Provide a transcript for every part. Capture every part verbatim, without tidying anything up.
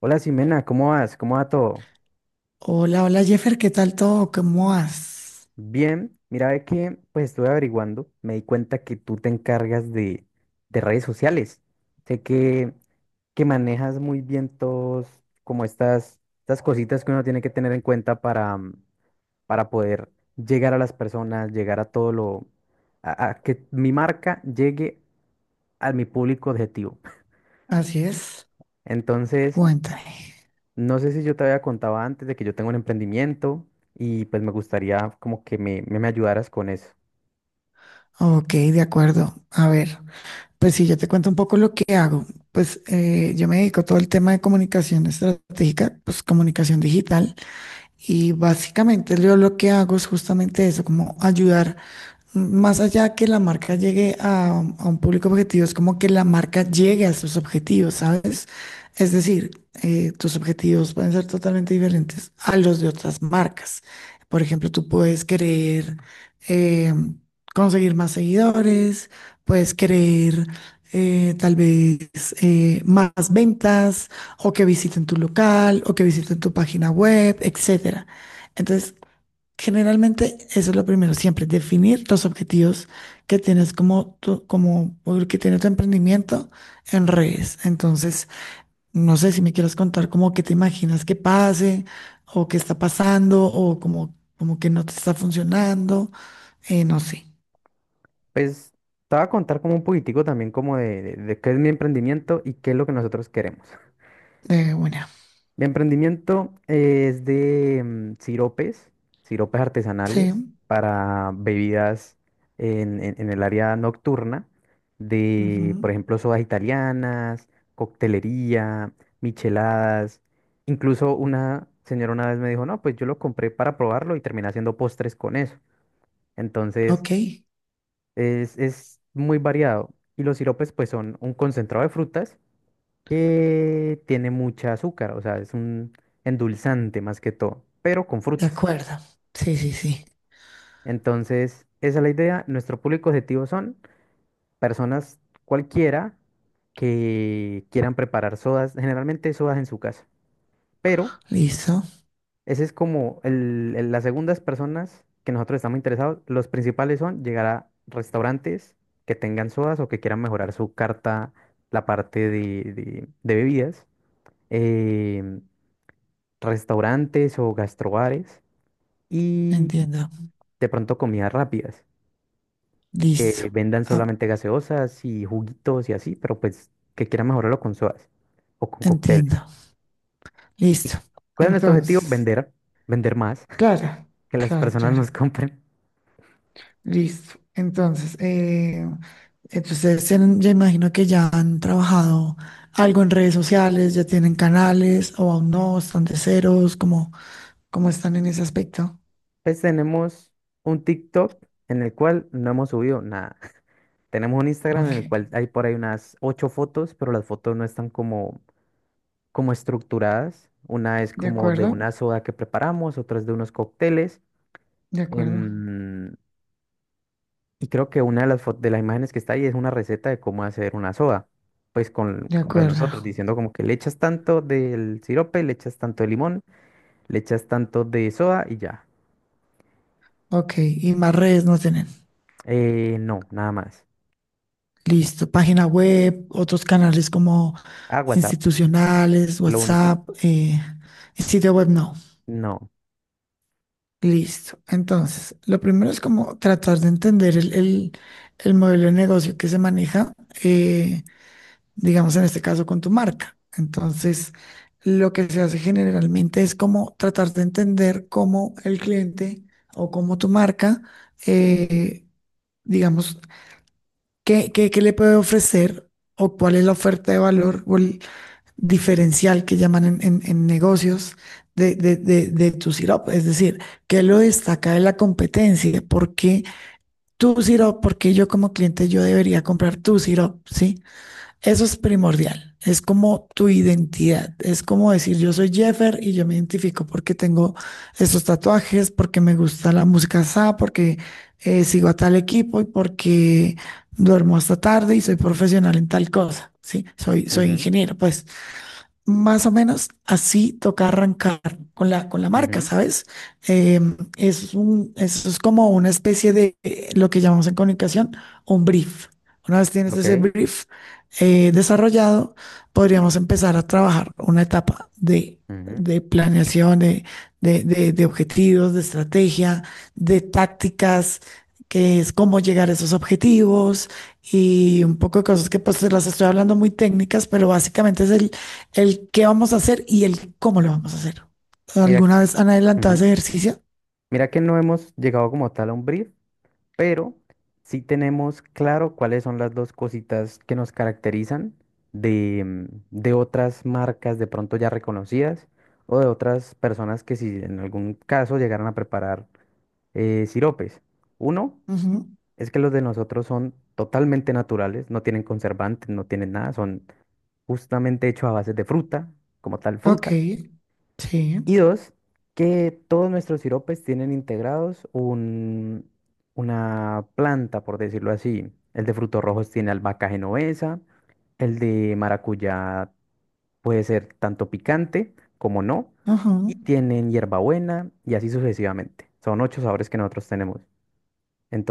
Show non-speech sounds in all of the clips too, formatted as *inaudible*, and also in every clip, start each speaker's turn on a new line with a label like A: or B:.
A: Hola Ximena, ¿cómo vas? ¿Cómo va todo?
B: Hola, hola Jeffer, ¿qué tal todo? ¿Cómo vas?
A: Bien, mira, ve que pues estuve averiguando, me di cuenta que tú te encargas de, de redes sociales. Sé que, que manejas muy bien todos como estas, estas cositas que uno tiene que tener en cuenta para, mm, para poder llegar a las personas, llegar a todo lo, a, a que mi marca llegue a mi público objetivo.
B: Así es,
A: *laughs* Entonces,
B: cuéntame.
A: no sé si yo te había contado antes de que yo tengo un emprendimiento y pues me gustaría como que me, me, me ayudaras con eso.
B: Ok, de acuerdo. A ver, pues sí, yo te cuento un poco lo que hago. Pues eh, yo me dedico a todo el tema de comunicación estratégica, pues comunicación digital, y básicamente yo lo que hago es justamente eso, como ayudar. Más allá que la marca llegue a, a un público objetivo, es como que la marca llegue a sus objetivos, ¿sabes? Es decir, eh, tus objetivos pueden ser totalmente diferentes a los de otras marcas. Por ejemplo, tú puedes querer eh, conseguir más seguidores, puedes querer eh, tal vez eh, más ventas o que visiten tu local o que visiten tu página web, etcétera. Entonces, generalmente, eso es lo primero, siempre definir los objetivos que tienes como, tu- como o el que tiene tu emprendimiento en redes. Entonces, no sé si me quieres contar como que te imaginas que pase o qué está pasando o como, como que no te está funcionando. Eh, no sé.
A: Pues te voy a contar como un poquitico también como de, de, de qué es mi emprendimiento y qué es lo que nosotros queremos.
B: Eh, bueno,
A: Mi emprendimiento es de mm, siropes, siropes
B: sí.
A: artesanales para bebidas en, en- en el área nocturna, de,
B: Ujú.
A: por ejemplo, sodas italianas, coctelería, micheladas. Incluso una señora una vez me dijo, no, pues yo lo compré para probarlo y terminé haciendo postres con eso. Entonces,
B: Ok,
A: es, es muy variado. Y los siropes, pues, son un concentrado de frutas que tiene mucha azúcar, o sea, es un endulzante más que todo, pero con
B: de
A: frutas.
B: acuerdo. Sí, sí, sí.
A: Entonces, esa es la idea. Nuestro público objetivo son personas cualquiera que quieran preparar sodas, generalmente sodas en su casa, pero
B: Listo.
A: ese es como el- el- las segundas personas que nosotros estamos interesados. Los principales son llegar a restaurantes que tengan sodas o que quieran mejorar su carta, la parte de, de- de bebidas. eh, restaurantes o gastrobares y
B: Entiendo.
A: de pronto comidas rápidas, que
B: Listo.
A: vendan
B: Ah,
A: solamente gaseosas y juguitos y así, pero pues que quieran mejorarlo con sodas o con cócteles.
B: entiendo. Listo.
A: ¿Cuál es nuestro objetivo?
B: Entonces.
A: Vender, vender más.
B: Claro,
A: *laughs* Que las
B: claro,
A: personas
B: claro.
A: nos compren.
B: Listo. Entonces, eh, entonces se ya imagino que ya han trabajado algo en redes sociales, ya tienen canales o aún no, están de ceros, cómo ¿cómo están en ese aspecto?
A: Pues tenemos un TikTok en el cual no hemos subido nada. *laughs* Tenemos un Instagram
B: Ok,
A: en el cual hay por ahí unas ocho fotos, pero las fotos no están como, como estructuradas. Una es
B: de
A: como de
B: acuerdo,
A: una soda que preparamos, otra es de unos cócteles.
B: de acuerdo,
A: Em, y creo que una de las, fo- de las imágenes que está ahí es una receta de cómo hacer una soda, pues con,
B: de
A: con lo de nosotros,
B: acuerdo.
A: diciendo como que le echas tanto del sirope, le echas tanto de limón, le echas tanto de soda y ya.
B: Ok, ¿y más redes no tienen?
A: Eh, no, nada más.
B: Listo, ¿página web, otros canales como
A: Ah, WhatsApp,
B: institucionales,
A: lo único.
B: WhatsApp, eh, sitio web no?
A: No.
B: Listo. Entonces, lo primero es como tratar de entender el, el- el modelo de negocio que se maneja, eh, digamos en este caso con tu marca. Entonces, lo que se hace generalmente es como tratar de entender cómo el cliente o cómo tu marca, eh, digamos, qué, qué- qué le puede ofrecer o cuál es la oferta de valor diferencial que llaman en, en- en negocios de, de, de, de tu sirope. Es decir, ¿qué lo destaca de la competencia? ¿Por qué tu sirope? ¿Por qué yo como cliente yo debería comprar tu sirope? ¿Sí? Eso es primordial. Es como tu identidad. Es como decir, yo soy Jeffer y yo me identifico porque tengo estos tatuajes, porque me gusta la música S A, porque eh, sigo a tal equipo y porque duermo hasta tarde y soy profesional en tal cosa. Sí, soy, soy
A: Ujú,
B: ingeniero, pues. Más o menos así toca arrancar con la, con la marca,
A: ujú,
B: ¿sabes? Em, es un, eso es como una especie de eh, lo que llamamos en comunicación un brief. Una vez tienes
A: ok.
B: ese brief eh, desarrollado, podríamos empezar a trabajar una etapa de,
A: Ujú.
B: de planeación, de, de, de- de objetivos, de estrategia, de tácticas, que es cómo llegar a esos objetivos y un poco de cosas que pues te las estoy hablando muy técnicas, pero básicamente es el el qué vamos a hacer y el cómo lo vamos a hacer.
A: Mira,
B: ¿Alguna vez han adelantado ese
A: ujú.
B: ejercicio?
A: Mira que no hemos llegado como tal a un brief, pero sí tenemos claro cuáles son las dos cositas que nos caracterizan de, mm, de otras marcas de pronto ya reconocidas o de otras personas que si en algún caso llegaran a preparar eh, siropes. Uno
B: Ujú.
A: es que los de nosotros son totalmente naturales, no tienen conservantes, no tienen nada, son justamente hechos a base de fruta, como tal
B: Ok,
A: fruta.
B: sí,
A: Y dos, que todos nuestros siropes tienen integrados un, una planta, por decirlo así. El de frutos rojos tiene albahaca genovesa, el de maracuyá puede ser tanto picante como no, y
B: ujú,
A: tienen hierbabuena y así sucesivamente. Son ocho sabores que nosotros tenemos.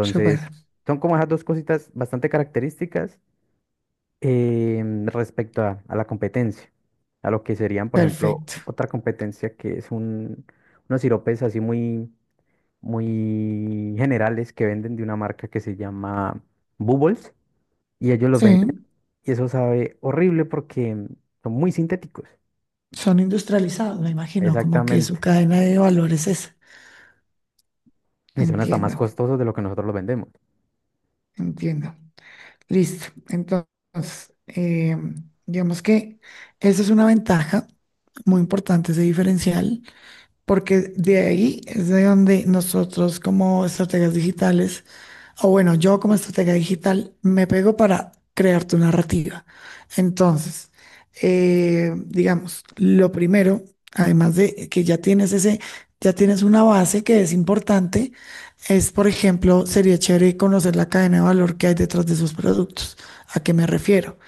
B: súper,
A: son como esas dos cositas bastante características em, respecto a, a la competencia, a lo que serían, por ejemplo,
B: perfecto.
A: otra competencia que es un, unos siropes así muy, muy generales que venden de una marca que se llama Bubbles y ellos los venden
B: Sí,
A: y eso sabe horrible porque son muy sintéticos,
B: son industrializados, me imagino, como que
A: exactamente,
B: su cadena de valores es.
A: y son hasta más
B: Entiendo,
A: costosos de lo que nosotros los vendemos,
B: entiendo. Listo. Entonces, eh, digamos que esa es una ventaja muy importante, ese diferencial, porque de ahí es de donde nosotros como estrategas digitales. O bueno, yo como estratega digital me pego para crear tu narrativa. Entonces, eh, digamos, lo primero, además de que ya tienes ese, ya tienes una base que es importante, es, por ejemplo, sería chévere conocer la cadena de valor que hay detrás de sus productos. ¿A qué me refiero?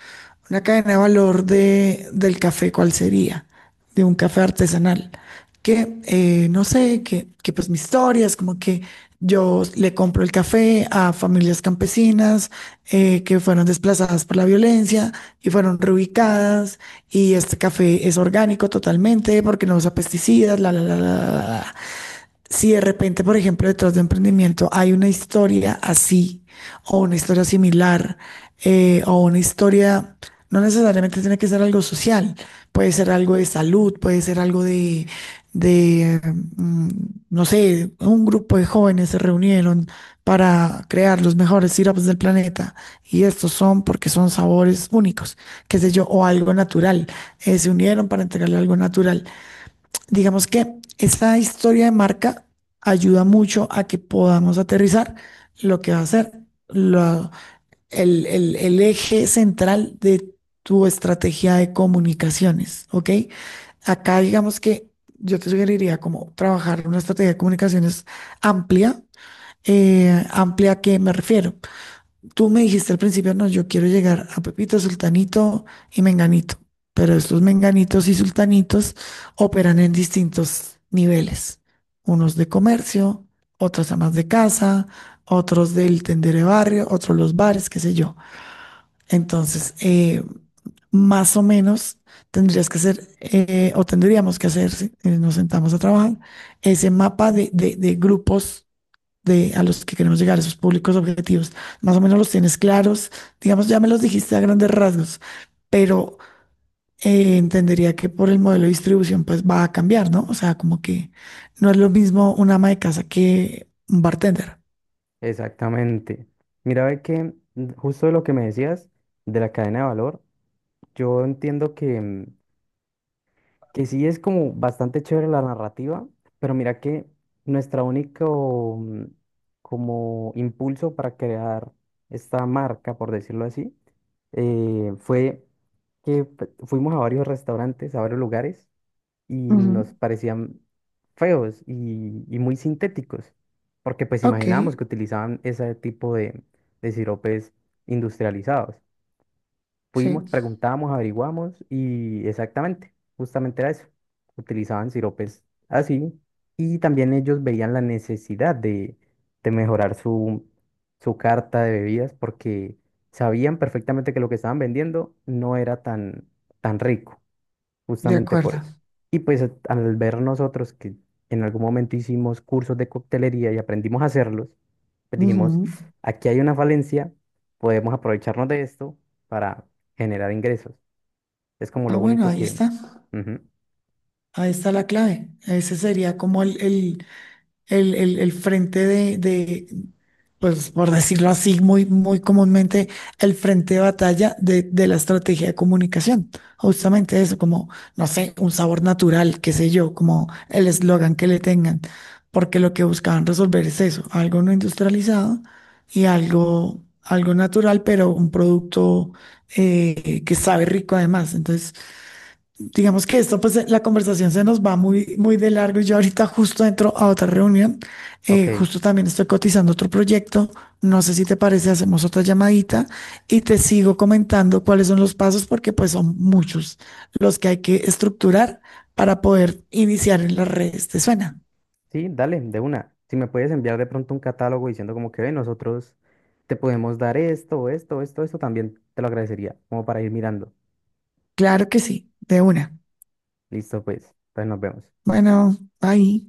B: Una cadena de valor de, del café, ¿cuál sería? De un café artesanal. Que, eh, no sé, que, que pues mi historia es como que yo le compro el café a familias campesinas, eh, que fueron desplazadas por la violencia y fueron reubicadas y este café es orgánico totalmente porque no usa pesticidas, la, la, la, la, la. La. Si de repente, por ejemplo, detrás de emprendimiento hay una historia así o una historia similar, eh, o una historia, no necesariamente tiene que ser algo social, puede ser algo de salud, puede ser algo de, de mm, no sé, un grupo de jóvenes se reunieron para crear los mejores sirops del planeta y estos son porque son sabores únicos, qué sé yo, o algo natural, eh, se unieron para entregarle algo natural. Digamos que esta historia de marca ayuda mucho a que podamos aterrizar lo que va a ser lo- el, el- el eje central de tu estrategia de comunicaciones, ¿ok? Acá digamos que yo te sugeriría como trabajar una estrategia de comunicaciones amplia. Eh, ¿amplia a qué me refiero? Tú me dijiste al principio, no, yo quiero llegar a Pepito, Sultanito y Menganito, pero estos Menganitos y Sultanitos operan en distintos niveles, unos de comercio, otros amas de casa, otros del tendero de barrio, otros los bares, qué sé yo. Entonces, eh, más o menos tendrías que hacer, eh, o tendríamos que hacer, si eh, nos sentamos a trabajar, ese mapa de, de de grupos de a los que queremos llegar, esos públicos objetivos. Más o menos los tienes claros, digamos, ya me los dijiste a grandes rasgos, pero eh, entendería que por el modelo de distribución pues va a cambiar, ¿no? O sea, como que no es lo mismo un ama de casa que un bartender.
A: exactamente. Mira, ve que mm, justo de lo que me decías de la cadena de valor, yo entiendo que mm, que sí es como bastante chévere la narrativa, pero mira que nuestro único mm, como impulso para crear esta marca, por decirlo así, eh, fue que fu- fuimos a varios restaurantes, a varios lugares, y nos
B: Ujú.
A: parecían feos y, y muy sintéticos, porque pues
B: Ok,
A: imaginábamos que utilizaban ese tipo de, de siropes industrializados.
B: sí,
A: Fuimos, preguntábamos, averiguamos y exactamente, justamente era eso. Utilizaban siropes así y también ellos veían la necesidad de, de mejorar su, su carta de bebidas porque sabían perfectamente que lo que estaban vendiendo no era tan, tan rico,
B: de
A: justamente por
B: acuerdo.
A: eso. Y pues a- al ver nosotros que en algún momento hicimos cursos de coctelería y aprendimos a hacerlos, pues dijimos,
B: Ujú.
A: aquí hay una falencia, podemos aprovecharnos de esto para generar ingresos. Es como
B: Ah,
A: lo
B: bueno,
A: único
B: ahí
A: que...
B: está.
A: Ujú,
B: Ahí está la clave. Ese sería como el, el, el, el- el frente de, de, pues por decirlo así, muy, muy comúnmente, el frente de batalla de, de la estrategia de comunicación. Justamente eso, como, no sé, un sabor natural, qué sé yo, como el eslogan que le tengan, porque lo que buscaban resolver es eso, algo no industrializado y algo, algo natural, pero un producto eh, que sabe rico además. Entonces, digamos que esto, pues la conversación se nos va muy, muy de largo. Yo ahorita justo entro a otra reunión.
A: ok,
B: Eh, justo también estoy cotizando otro proyecto. No sé si te parece, hacemos otra llamadita y te sigo comentando cuáles son los pasos, porque pues son muchos los que hay que estructurar para poder iniciar en las redes. ¿Te suena?
A: sí, dale, de una. Si me puedes enviar de pronto un catálogo diciendo como que "Ve, nosotros te podemos dar esto, esto, esto, esto, también te lo agradecería, como para ir mirando.
B: Claro que sí, de una.
A: Listo, pues, entonces nos vemos.
B: Bueno, bye.